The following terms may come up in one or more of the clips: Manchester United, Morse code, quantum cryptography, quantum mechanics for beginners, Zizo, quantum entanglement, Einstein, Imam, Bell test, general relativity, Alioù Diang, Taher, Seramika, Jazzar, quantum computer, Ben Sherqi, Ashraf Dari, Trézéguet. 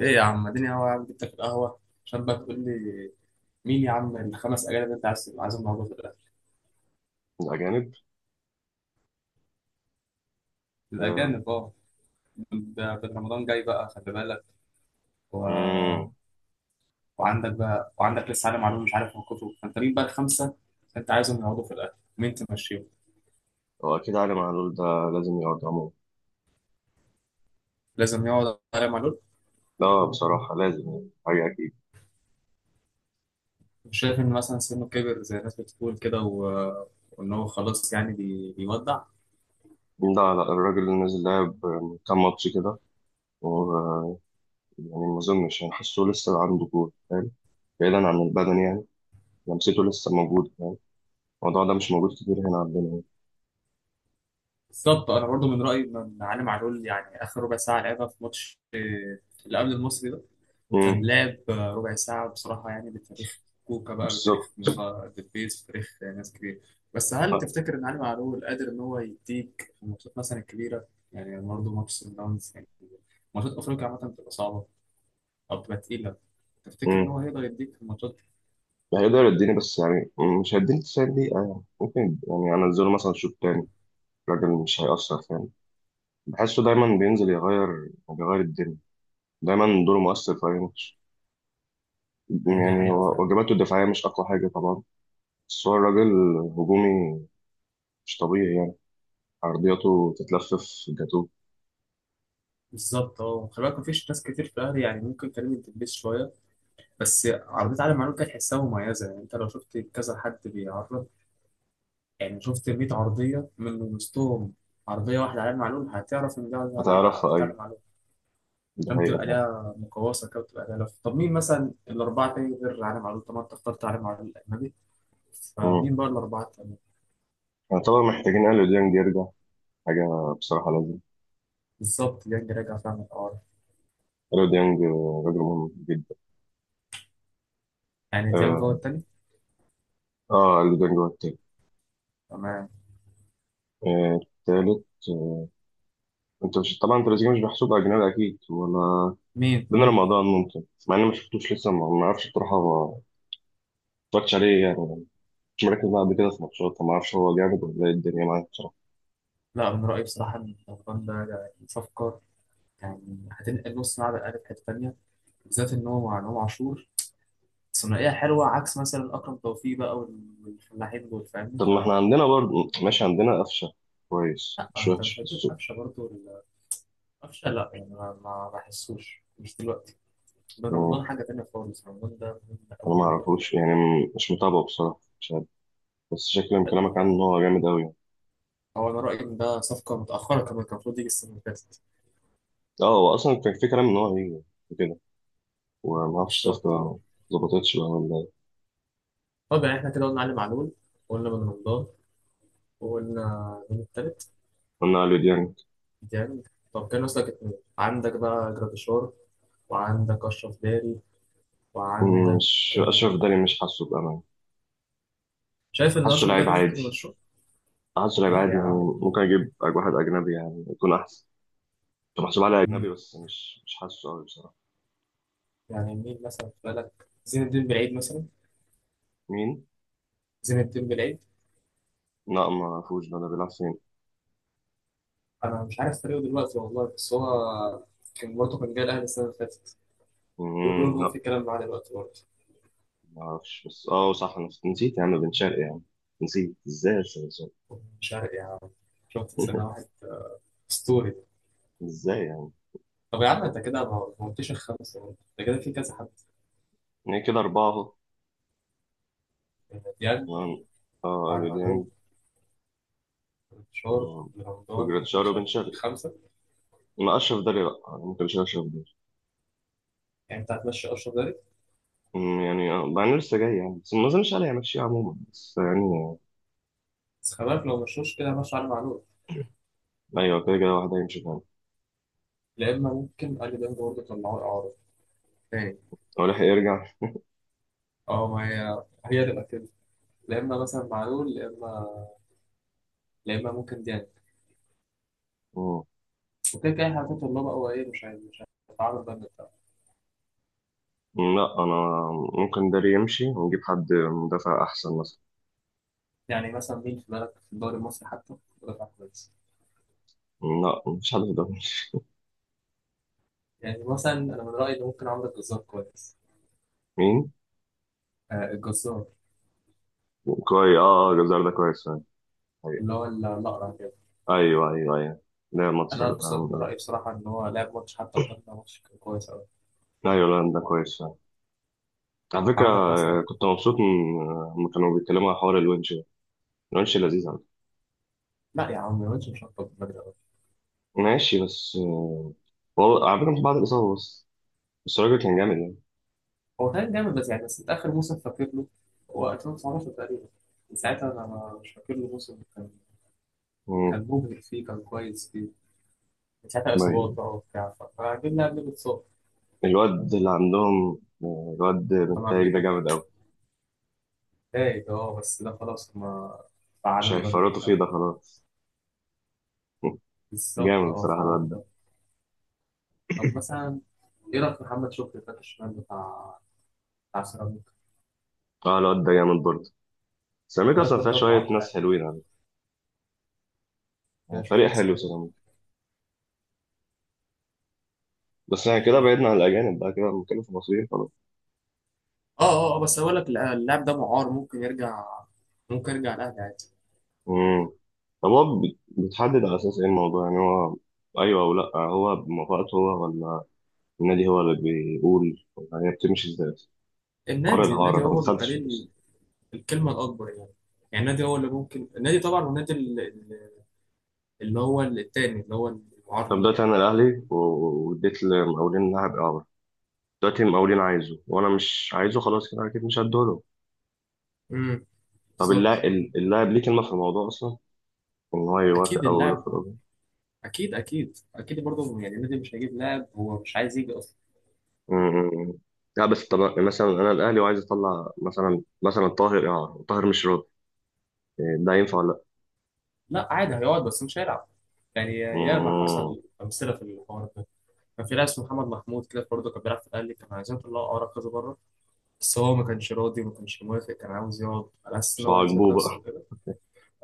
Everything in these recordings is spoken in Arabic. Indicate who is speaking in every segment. Speaker 1: ايه يا عم، اديني قهوة يا عم. جبتك القهوة عشان بقى تقول لي مين يا عم الخمس اجانب اللي انت عايزهم موجود في الاخر.
Speaker 2: الأجانب. آه.
Speaker 1: الاجانب اه. ده رمضان جاي بقى، خلي بالك. و...
Speaker 2: مم.
Speaker 1: وعندك لسه عالم معلوم مش عارف موقفه، فانت مين بقى الخمسة انت عايزهم يقعدوا في الاخر؟ مين تمشيهم؟
Speaker 2: هو أكيد علي معلول ده لازم يقعد عموما.
Speaker 1: لازم يقعد عالم معلول.
Speaker 2: لا، بصراحة لازم يعني حاجة أكيد.
Speaker 1: مش شايف ان مثلا سنه كبر زي الناس بتقول كده، وان هو خلاص يعني بيودع؟
Speaker 2: لا لا، الراجل اللي نازل لعب كام ماتش كده و- يعني ما أظنش، يعني حاسه لسه عنده كورة فاهم. بعيدا عن البدن يعني. لمسته لسه موجودة يعني. الموضوع ده مش موجود كتير هنا عندنا يعني.
Speaker 1: بالظبط، انا برضو من رايي ان عالم معلول يعني اخر ربع ساعه لعبها في ماتش اللي قبل المصري ده كان
Speaker 2: مم.
Speaker 1: لاب. ربع ساعة بصراحة يعني، بتاريخ كوكا بقى، بتاريخ
Speaker 2: بالظبط.
Speaker 1: دبيز، بتاريخ ناس كتير. بس هل
Speaker 2: آه.
Speaker 1: تفتكر إن علي معلول قادر إن هو يديك في الماتشات مثلا الكبيرة؟ يعني برضه ماتش سان داونز يعني، ماتشات أفريقيا عامة بتبقى صعبة أو بتبقى تقيلة. تفتكر إن
Speaker 2: مم.
Speaker 1: هو هيقدر يديك في الماتشات؟
Speaker 2: هيقدر يديني بس يعني مش هيديني 90 دقيقة، يعني ممكن يعني أنزله مثلا شوط تاني. الراجل مش هيأثر فاهم. بحسه دايما بينزل بيغير الدنيا. دايما دوره مؤثر في أي ماتش.
Speaker 1: آه، دي
Speaker 2: يعني
Speaker 1: حقيقة
Speaker 2: هو
Speaker 1: فعلا.
Speaker 2: واجباته الدفاعية مش أقوى حاجة طبعا. بس هو الراجل هجومي مش طبيعي يعني. عرضياته تتلفف جاتوه.
Speaker 1: بالظبط خلي بالك، مفيش ناس كتير في الأهلي يعني، ممكن كريم الدبيس شوية، بس عرضية علي معلول كانت تحسها مميزة. يعني أنت لو شفت كذا حد بيعرض، يعني شفت 100 عرضية من وسطهم، عرضية واحدة عليها معلوم هتعرف إن ده ولا لأ،
Speaker 2: هتعرف في
Speaker 1: عرضية
Speaker 2: أي.
Speaker 1: عليها معلوم.
Speaker 2: ده
Speaker 1: عشان
Speaker 2: حقيقة
Speaker 1: تبقى
Speaker 2: طبعا.
Speaker 1: ليها مقوسة كده وتبقى ليها لف. طب مين مثلا الأربعة تاني غير عليها معلوم؟ طب ما أنت اخترت عليها معلوم الأجنبي،
Speaker 2: مم.
Speaker 1: فمين بقى الأربعة التانيين؟
Speaker 2: يعتبر محتاجين أليو ديانج يرجع. حاجة بصراحة لازم.
Speaker 1: بالظبط، ديانج راجع فعلا من الأول.
Speaker 2: أليو ديانج راجل مهم جدا.
Speaker 1: يعني ديانج هو
Speaker 2: اه.
Speaker 1: التاني.
Speaker 2: أليو ديانج هو التالت.
Speaker 1: تمام.
Speaker 2: التالت. انت مش طبعا تريزيجيه مش محسوب اجنبي اكيد ولا.
Speaker 1: مين؟
Speaker 2: بين رمضان ممكن، مع اني ما شفتوش لسه، ما اعرفش بصراحه، ما اتفرجتش عليه يعني. مركز بعد كده في ماتشات ما اعرفش هو جامد ولا ايه الدنيا معاه بصراحه.
Speaker 1: لا، من رأيي بصراحة إن الأفغان ده يعني صفقة، يعني هتنقل نص ملعب الأهلي في حتة تانية، بالذات إن هو مع إمام عاشور. ثنائية حلوة عكس مثلا أكرم توفيق بقى والفلاحين دول، فاهمني؟
Speaker 2: طب ما احنا عندنا برضه ماشي، عندنا قفشه كويس،
Speaker 1: لا
Speaker 2: مش
Speaker 1: انت
Speaker 2: وحش
Speaker 1: مش
Speaker 2: في
Speaker 1: هتجيب
Speaker 2: السوق.
Speaker 1: قفشه برضه قفشه، لا يعني، ما بحسوش، مش دلوقتي. ده
Speaker 2: تمام.
Speaker 1: رمضان حاجه تانيه خالص. رمضان ده مهم
Speaker 2: انا
Speaker 1: قوي
Speaker 2: ما
Speaker 1: قوي قوي.
Speaker 2: اعرفوش يعني مش متابعه بصراحه، مش عارف. بس شكل من كلامك عنه ان هو جامد قوي يعني.
Speaker 1: هو انا رايي ان ده صفقه متاخره، كمان كان المفروض يجي السنه اللي فاتت.
Speaker 2: اه، هو اصلا كان في كلام ان هو هيجي كده، وما اعرفش الصفقه
Speaker 1: بالظبط اه.
Speaker 2: ما ظبطتش بقى ولا ايه.
Speaker 1: طب يعني احنا كده قلنا علي معلول، وقلنا بن رمضان، وقلنا مين التالت؟
Speaker 2: قلنا على ديانج.
Speaker 1: ديانج. طب كان ناقص لك اتنين، عندك بقى جراديشار، وعندك اشرف داري، وعندك
Speaker 2: مش
Speaker 1: آه،
Speaker 2: اشرف داري، مش حاسه بامان.
Speaker 1: شايف ان
Speaker 2: حاسه
Speaker 1: اشرف
Speaker 2: لعيب
Speaker 1: داري ممكن
Speaker 2: عادي.
Speaker 1: يمشوه؟
Speaker 2: حاسه لعيب
Speaker 1: لا يا
Speaker 2: عادي يعني.
Speaker 1: عم.
Speaker 2: ممكن اجيب واحد اجنبي يعني يكون احسن. كنت محسوب عليه اجنبي
Speaker 1: مين؟
Speaker 2: بس مش حاسه قوي بصراحه.
Speaker 1: يعني مين مثلا في بالك؟ زين الدين بالعيد مثلا.
Speaker 2: مين؟
Speaker 1: زين الدين بالعيد.
Speaker 2: لا، ما اعرفوش، ده بيلعب فين؟
Speaker 1: انا مش عارف طريقه دلوقتي والله، بس هو كان برضه كان جاي الاهلي السنه اللي فاتت. بيقولوا ان
Speaker 2: مم،
Speaker 1: هو في
Speaker 2: لا.
Speaker 1: كلام معاه دلوقتي برضه.
Speaker 2: ما اعرفش، بس اه صح انا نسيت يا عم بن شرقي يعني. نسيت ازاي بس بن شرقي؟
Speaker 1: مش عارف يا عم. شفت سنه واحد اسطوري.
Speaker 2: ازاي يعني.
Speaker 1: طب يا عم انت كده ما قلتش الخمسه، برضه انت كده في كذا حد.
Speaker 2: يعني كده اربعه اهو.
Speaker 1: يعني ديان،
Speaker 2: تمام. اه
Speaker 1: وعلي
Speaker 2: الو
Speaker 1: معلول،
Speaker 2: ديانج.
Speaker 1: وانتشار
Speaker 2: مم.
Speaker 1: رمضان بن
Speaker 2: وجراديشار وبن
Speaker 1: شرقي،
Speaker 2: شرقي.
Speaker 1: خمسه.
Speaker 2: ما اشرف داري لا، ممكن مش اشرف داري.
Speaker 1: يعني انت هتمشي اشرف داري؟
Speaker 2: يعني مع انه لسه جاي يعني، بس ما اظنش عليه هيمشيه عموما، بس يعني. آه،
Speaker 1: بس خلي بالك، لو مشوش كده ماشي علي معلول.
Speaker 2: ايوه كده كده، واحد هيمشي تاني.
Speaker 1: لا اما ممكن علي ديان برضه طلعوه اعاره تاني.
Speaker 2: هو لحق يرجع.
Speaker 1: اه، ما هي هي تبقى كده. لا اما مثلا معلول، لا اما ممكن ديان.
Speaker 2: مم.
Speaker 1: وكده كده احنا طلاب او ايه؟ مش هتعرض بقى للدفع.
Speaker 2: لا، انا ممكن داري يمشي ونجيب حد مدافع احسن مثلا.
Speaker 1: يعني مثلا مين في بالك في الدوري المصري حتى دفع كويس؟
Speaker 2: لا، مفيش حد في الدوري.
Speaker 1: يعني مثلا انا من رايي ان ممكن عمرو الجزار كويس.
Speaker 2: مين؟
Speaker 1: آه، الجزار.
Speaker 2: كويس، اه اه، جزار ده كويس فعلا.
Speaker 1: اللي
Speaker 2: أيوة
Speaker 1: هو الاقرع كده.
Speaker 2: أيوة أيوة. أيوة، لا ماتش
Speaker 1: انا
Speaker 2: حلو فعلا، الحمد
Speaker 1: من
Speaker 2: لله.
Speaker 1: رايي بصراحه ان هو لعب ماتش حتى قدامنا، ماتش كان كويس قوي.
Speaker 2: أيوة، لا ده كويس فعلا. على فكرة،
Speaker 1: وعندك مثلا.
Speaker 2: كنت مبسوط لما كانوا بيتكلموا على حوار الونش ده. الونش لذيذ على فكرة.
Speaker 1: لا يا عم، الواد مش هطلب بدري قوي.
Speaker 2: ماشي بس. آه، والله على فكرة مش بعد الإصابة بس. بس الراجل كان جامد يعني.
Speaker 1: هو كان جامد، بس انت اخر موسم فاكر له؟ هو 2019 تقريبا. من ساعتها انا مش فاكر له موسم كان
Speaker 2: مم.
Speaker 1: مبهر فيه، كان كويس فيه. من ساعتها اصابات
Speaker 2: طيب.
Speaker 1: بقى وبتاع. فجبنا قبل الاتصال.
Speaker 2: الواد اللي عندهم، الواد
Speaker 1: طبعا
Speaker 2: بنتايج ده جامد أوي.
Speaker 1: تايت، بس ده خلاص، هما فعلوا
Speaker 2: مش
Speaker 1: البند
Speaker 2: هيفرطوا فيه،
Speaker 1: بتاعه.
Speaker 2: ده خلاص.
Speaker 1: بالظبط
Speaker 2: جامد
Speaker 1: اه،
Speaker 2: بصراحة
Speaker 1: فعلوا
Speaker 2: الواد ده.
Speaker 1: البند. طب مثلا، ايه رايك في محمد شكري الباك الشمال بتاع سيراميكا؟
Speaker 2: اه، الواد ده جامد برضه. سيراميكا
Speaker 1: الواد
Speaker 2: أصلا
Speaker 1: ده
Speaker 2: فيها
Speaker 1: دمه
Speaker 2: شوية
Speaker 1: عرض
Speaker 2: ناس
Speaker 1: يعني.
Speaker 2: حلوين يعني.
Speaker 1: فيها شويه
Speaker 2: فريق
Speaker 1: ناس
Speaker 2: حلو
Speaker 1: حلوين.
Speaker 2: سيراميكا. بس احنا كده
Speaker 1: مم.
Speaker 2: بعدنا عن الأجانب بقى، كده بنتكلم في المصريين خلاص.
Speaker 1: اه اه، بس اقول لك، لا، اللاعب ده معار ممكن يرجع. ممكن يرجع الاهلي عادي.
Speaker 2: امم. طب هو بيتحدد على أساس إيه الموضوع يعني، هو أيوه أو لأ؟ هو بموافقته هو، ولا النادي هو اللي بيقول، ولا هي بتمشي إزاي؟ حوار
Speaker 1: النادي
Speaker 2: الإعارة
Speaker 1: النادي
Speaker 2: ده ما
Speaker 1: هو بيبقى
Speaker 2: دخلتش
Speaker 1: ليه
Speaker 2: في القصة.
Speaker 1: الكلمه الاكبر يعني. يعني النادي هو اللي ممكن، النادي طبعا، والنادي اللي هو التاني، اللي هو المعار
Speaker 2: طب
Speaker 1: ليه
Speaker 2: دلوقتي
Speaker 1: يعني.
Speaker 2: أنا الأهلي واديت لمقاولين لاعب إعارة. دلوقتي المقاولين عايزه وأنا مش عايزه، خلاص كده أكيد مش هديهوله.
Speaker 1: امم.
Speaker 2: طب اللاعب
Speaker 1: بالظبط.
Speaker 2: اللاعب ليه كلمة في الموضوع أصلا، إن هو
Speaker 1: اكيد
Speaker 2: يوافق أو
Speaker 1: اللاعب،
Speaker 2: يرفض؟
Speaker 1: اكيد اكيد اكيد برضه يعني النادي مش هيجيب لاعب هو مش عايز يجي اصلا.
Speaker 2: امم. لا بس طب مثلا انا الاهلي وعايز اطلع مثلا طاهر، طاهر مش راضي، إيه، ده ينفع ولا لا؟
Speaker 1: لا عادي، هيقعد بس مش هيلعب. يعني ياما
Speaker 2: امم.
Speaker 1: حصل امثله في الحوار ده. كان في لاعب اسمه محمد محمود كده برضه كان بيلعب في الاهلي، كان عايزين يطلعوا اقرا كذا بره، بس هو ما كانش راضي وما كانش موافق، كان عاوز يقعد على اساس ان
Speaker 2: مش
Speaker 1: هو يثبت
Speaker 2: عاجبوه
Speaker 1: نفسه
Speaker 2: بقى.
Speaker 1: وكده.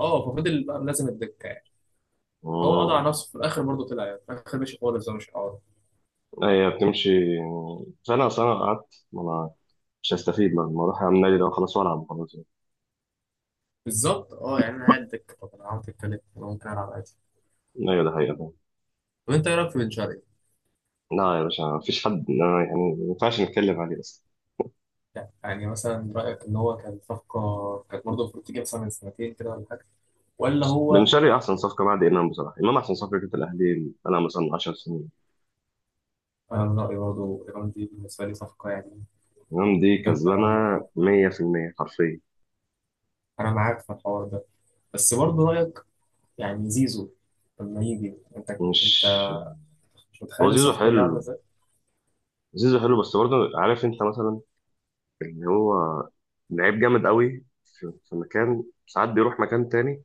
Speaker 1: اه، ففضل بقى ملازم الدكه يعني. هو قضى على
Speaker 2: امم.
Speaker 1: نفسه في الاخر، برضه طلع يعني في الاخر، ماشي خالص هو مش هيقعد.
Speaker 2: هي بتمشي سنه سنه، قعدت ما انا مش هستفيد، ما اروح اعمل نادي، ده خلاص والعب خلاص.
Speaker 1: بالظبط اه، يعني انا قاعد دكه، طب انا قعدت اتكلم، انا ممكن العب عادي.
Speaker 2: ايوه ده حقيقة فعلا.
Speaker 1: طب انت ايه رايك في بن شرقي؟
Speaker 2: لا يا باشا، مفيش حد أنا يعني ما ينفعش نتكلم عليه اصلا.
Speaker 1: لا يعني مثلا رأيك إن هو كان صفقة كانت برضه المفروض تيجي مثلا من سنتين كده ولا حاجة، ولا
Speaker 2: بن
Speaker 1: هو؟
Speaker 2: شرقي احسن صفقه بعد امام بصراحه. امام احسن صفقه جت الاهلي انا مثلا 10 سنين.
Speaker 1: أنا من رأيي برضه إيران دي بالنسبة لي صفقة يعني
Speaker 2: امام دي
Speaker 1: جامدة
Speaker 2: كسبانه
Speaker 1: أوي.
Speaker 2: 100% حرفيا.
Speaker 1: أنا معاك في الحوار ده، بس برضه رأيك يعني زيزو لما يجي، أنت
Speaker 2: مش.
Speaker 1: أنت مش
Speaker 2: هو
Speaker 1: متخيل
Speaker 2: زيزو
Speaker 1: الصفقة دي عاملة
Speaker 2: حلو.
Speaker 1: إزاي؟
Speaker 2: زيزو حلو بس برضه عارف انت مثلا، اللي هو لعيب جامد قوي في مكان ساعات بيروح مكان تاني.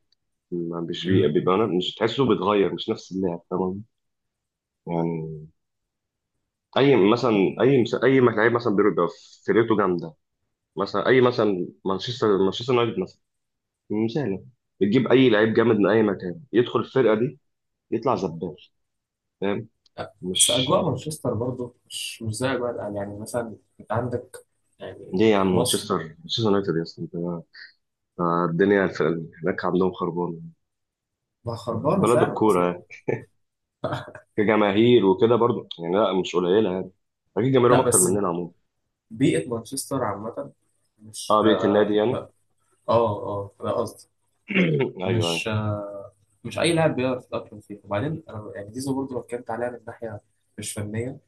Speaker 2: ما مش
Speaker 1: مم.
Speaker 2: بيبقى مش تحسه بيتغير، مش نفس اللاعب تمام. يعني اي مثلا، اي لعيب مثلا بيبقى فرقته جامده. مثلا اي مثلا مانشستر يونايتد مثلا، مثال يعني، بتجيب اي لعيب جامد من اي مكان يدخل الفرقه دي يطلع زبال فاهم.
Speaker 1: لا، بس
Speaker 2: مش.
Speaker 1: أجواء مانشستر برضه مش زي أجواء الأهلي. يعني مثلا أنت عندك يعني
Speaker 2: ليه يا عم،
Speaker 1: في مصر.
Speaker 2: مانشستر يونايتد، يا اسطى الدنيا هناك عندهم خربانه.
Speaker 1: ما خربانة
Speaker 2: بلد
Speaker 1: فعلا بس
Speaker 2: الكوره كجماهير وكده برضو يعني، لا مش قليله يعني. اكيد جماهيرهم
Speaker 1: لا،
Speaker 2: اكتر
Speaker 1: بس
Speaker 2: مننا عموما.
Speaker 1: بيئة مانشستر عامة مش.
Speaker 2: اه، بيئه النادي يعني.
Speaker 1: لا، اه اه، ده قصدي.
Speaker 2: ايوه ايوه.
Speaker 1: مش مش اي لاعب بيعرف يتاقلم فيه. وبعدين أنا يعني زيزو برضه لو اتكلمت عليها من ناحيه مش فنيه،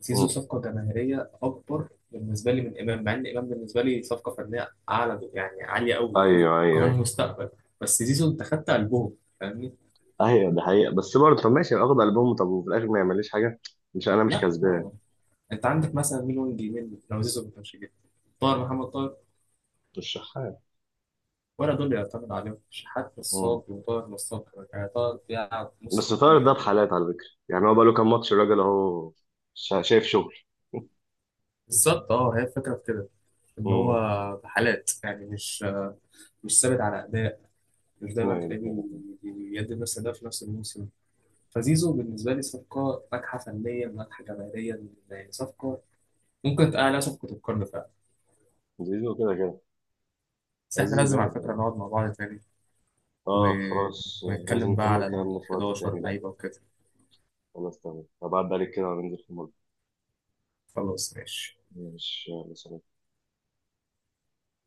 Speaker 1: زيزو
Speaker 2: مم.
Speaker 1: صفقه جماهيريه اكبر بالنسبه لي من امام، مع ان امام بالنسبه لي صفقه فنيه اعلى يعني عاليه قوي،
Speaker 2: ايوه ايوه
Speaker 1: كمان
Speaker 2: ايوه.
Speaker 1: مستقبل. بس زيزو انت خدت قلبهم، فاهمني؟
Speaker 2: ايوه ده حقيقه، بس برضه طب ماشي، اخد البوم طب وفي الاخر ما يعمليش حاجه، مش انا مش
Speaker 1: لا،
Speaker 2: كسبان.
Speaker 1: هو انت عندك مثلا مين وينج يمين لو زيزو ما كانش جه؟ طاهر محمد طاهر؟
Speaker 2: مش شحات.
Speaker 1: ولا دول يعتمد عليهم؟ شحات
Speaker 2: مم.
Speaker 1: نصاب وطاهر نصاب كمان. يعني طاهر بيلعب
Speaker 2: بس
Speaker 1: موسم
Speaker 2: طارق ده
Speaker 1: كله كده.
Speaker 2: بحالات على فكره، يعني هو بقى له كام ماتش الراجل اهو شايف شغل.
Speaker 1: بالظبط اه، هي الفكره في كده ان هو
Speaker 2: امم.
Speaker 1: حالات يعني، مش ثابت على اداء. مش دايما تلاقيه بيدي نفس الاداء في نفس الموسم. فزيزو بالنسبه لي صفقه ناجحه فنيا ناجحه جماهيريا، يعني صفقه ممكن تقال عليها صفقه القرن فعلا.
Speaker 2: زيزو كده كده.
Speaker 1: بس احنا
Speaker 2: زيزو
Speaker 1: لازم على
Speaker 2: جامد.
Speaker 1: فكره نقعد مع بعض تاني و...
Speaker 2: اه خلاص، لازم
Speaker 1: ونتكلم بقى
Speaker 2: نكمل
Speaker 1: على ال
Speaker 2: كلامنا في وقت
Speaker 1: 11
Speaker 2: تاني بقى.
Speaker 1: لعيبه وكده.
Speaker 2: خلاص تمام، هبعد عليك كده وننزل في مرة.
Speaker 1: خلاص ماشي.
Speaker 2: مش مثلا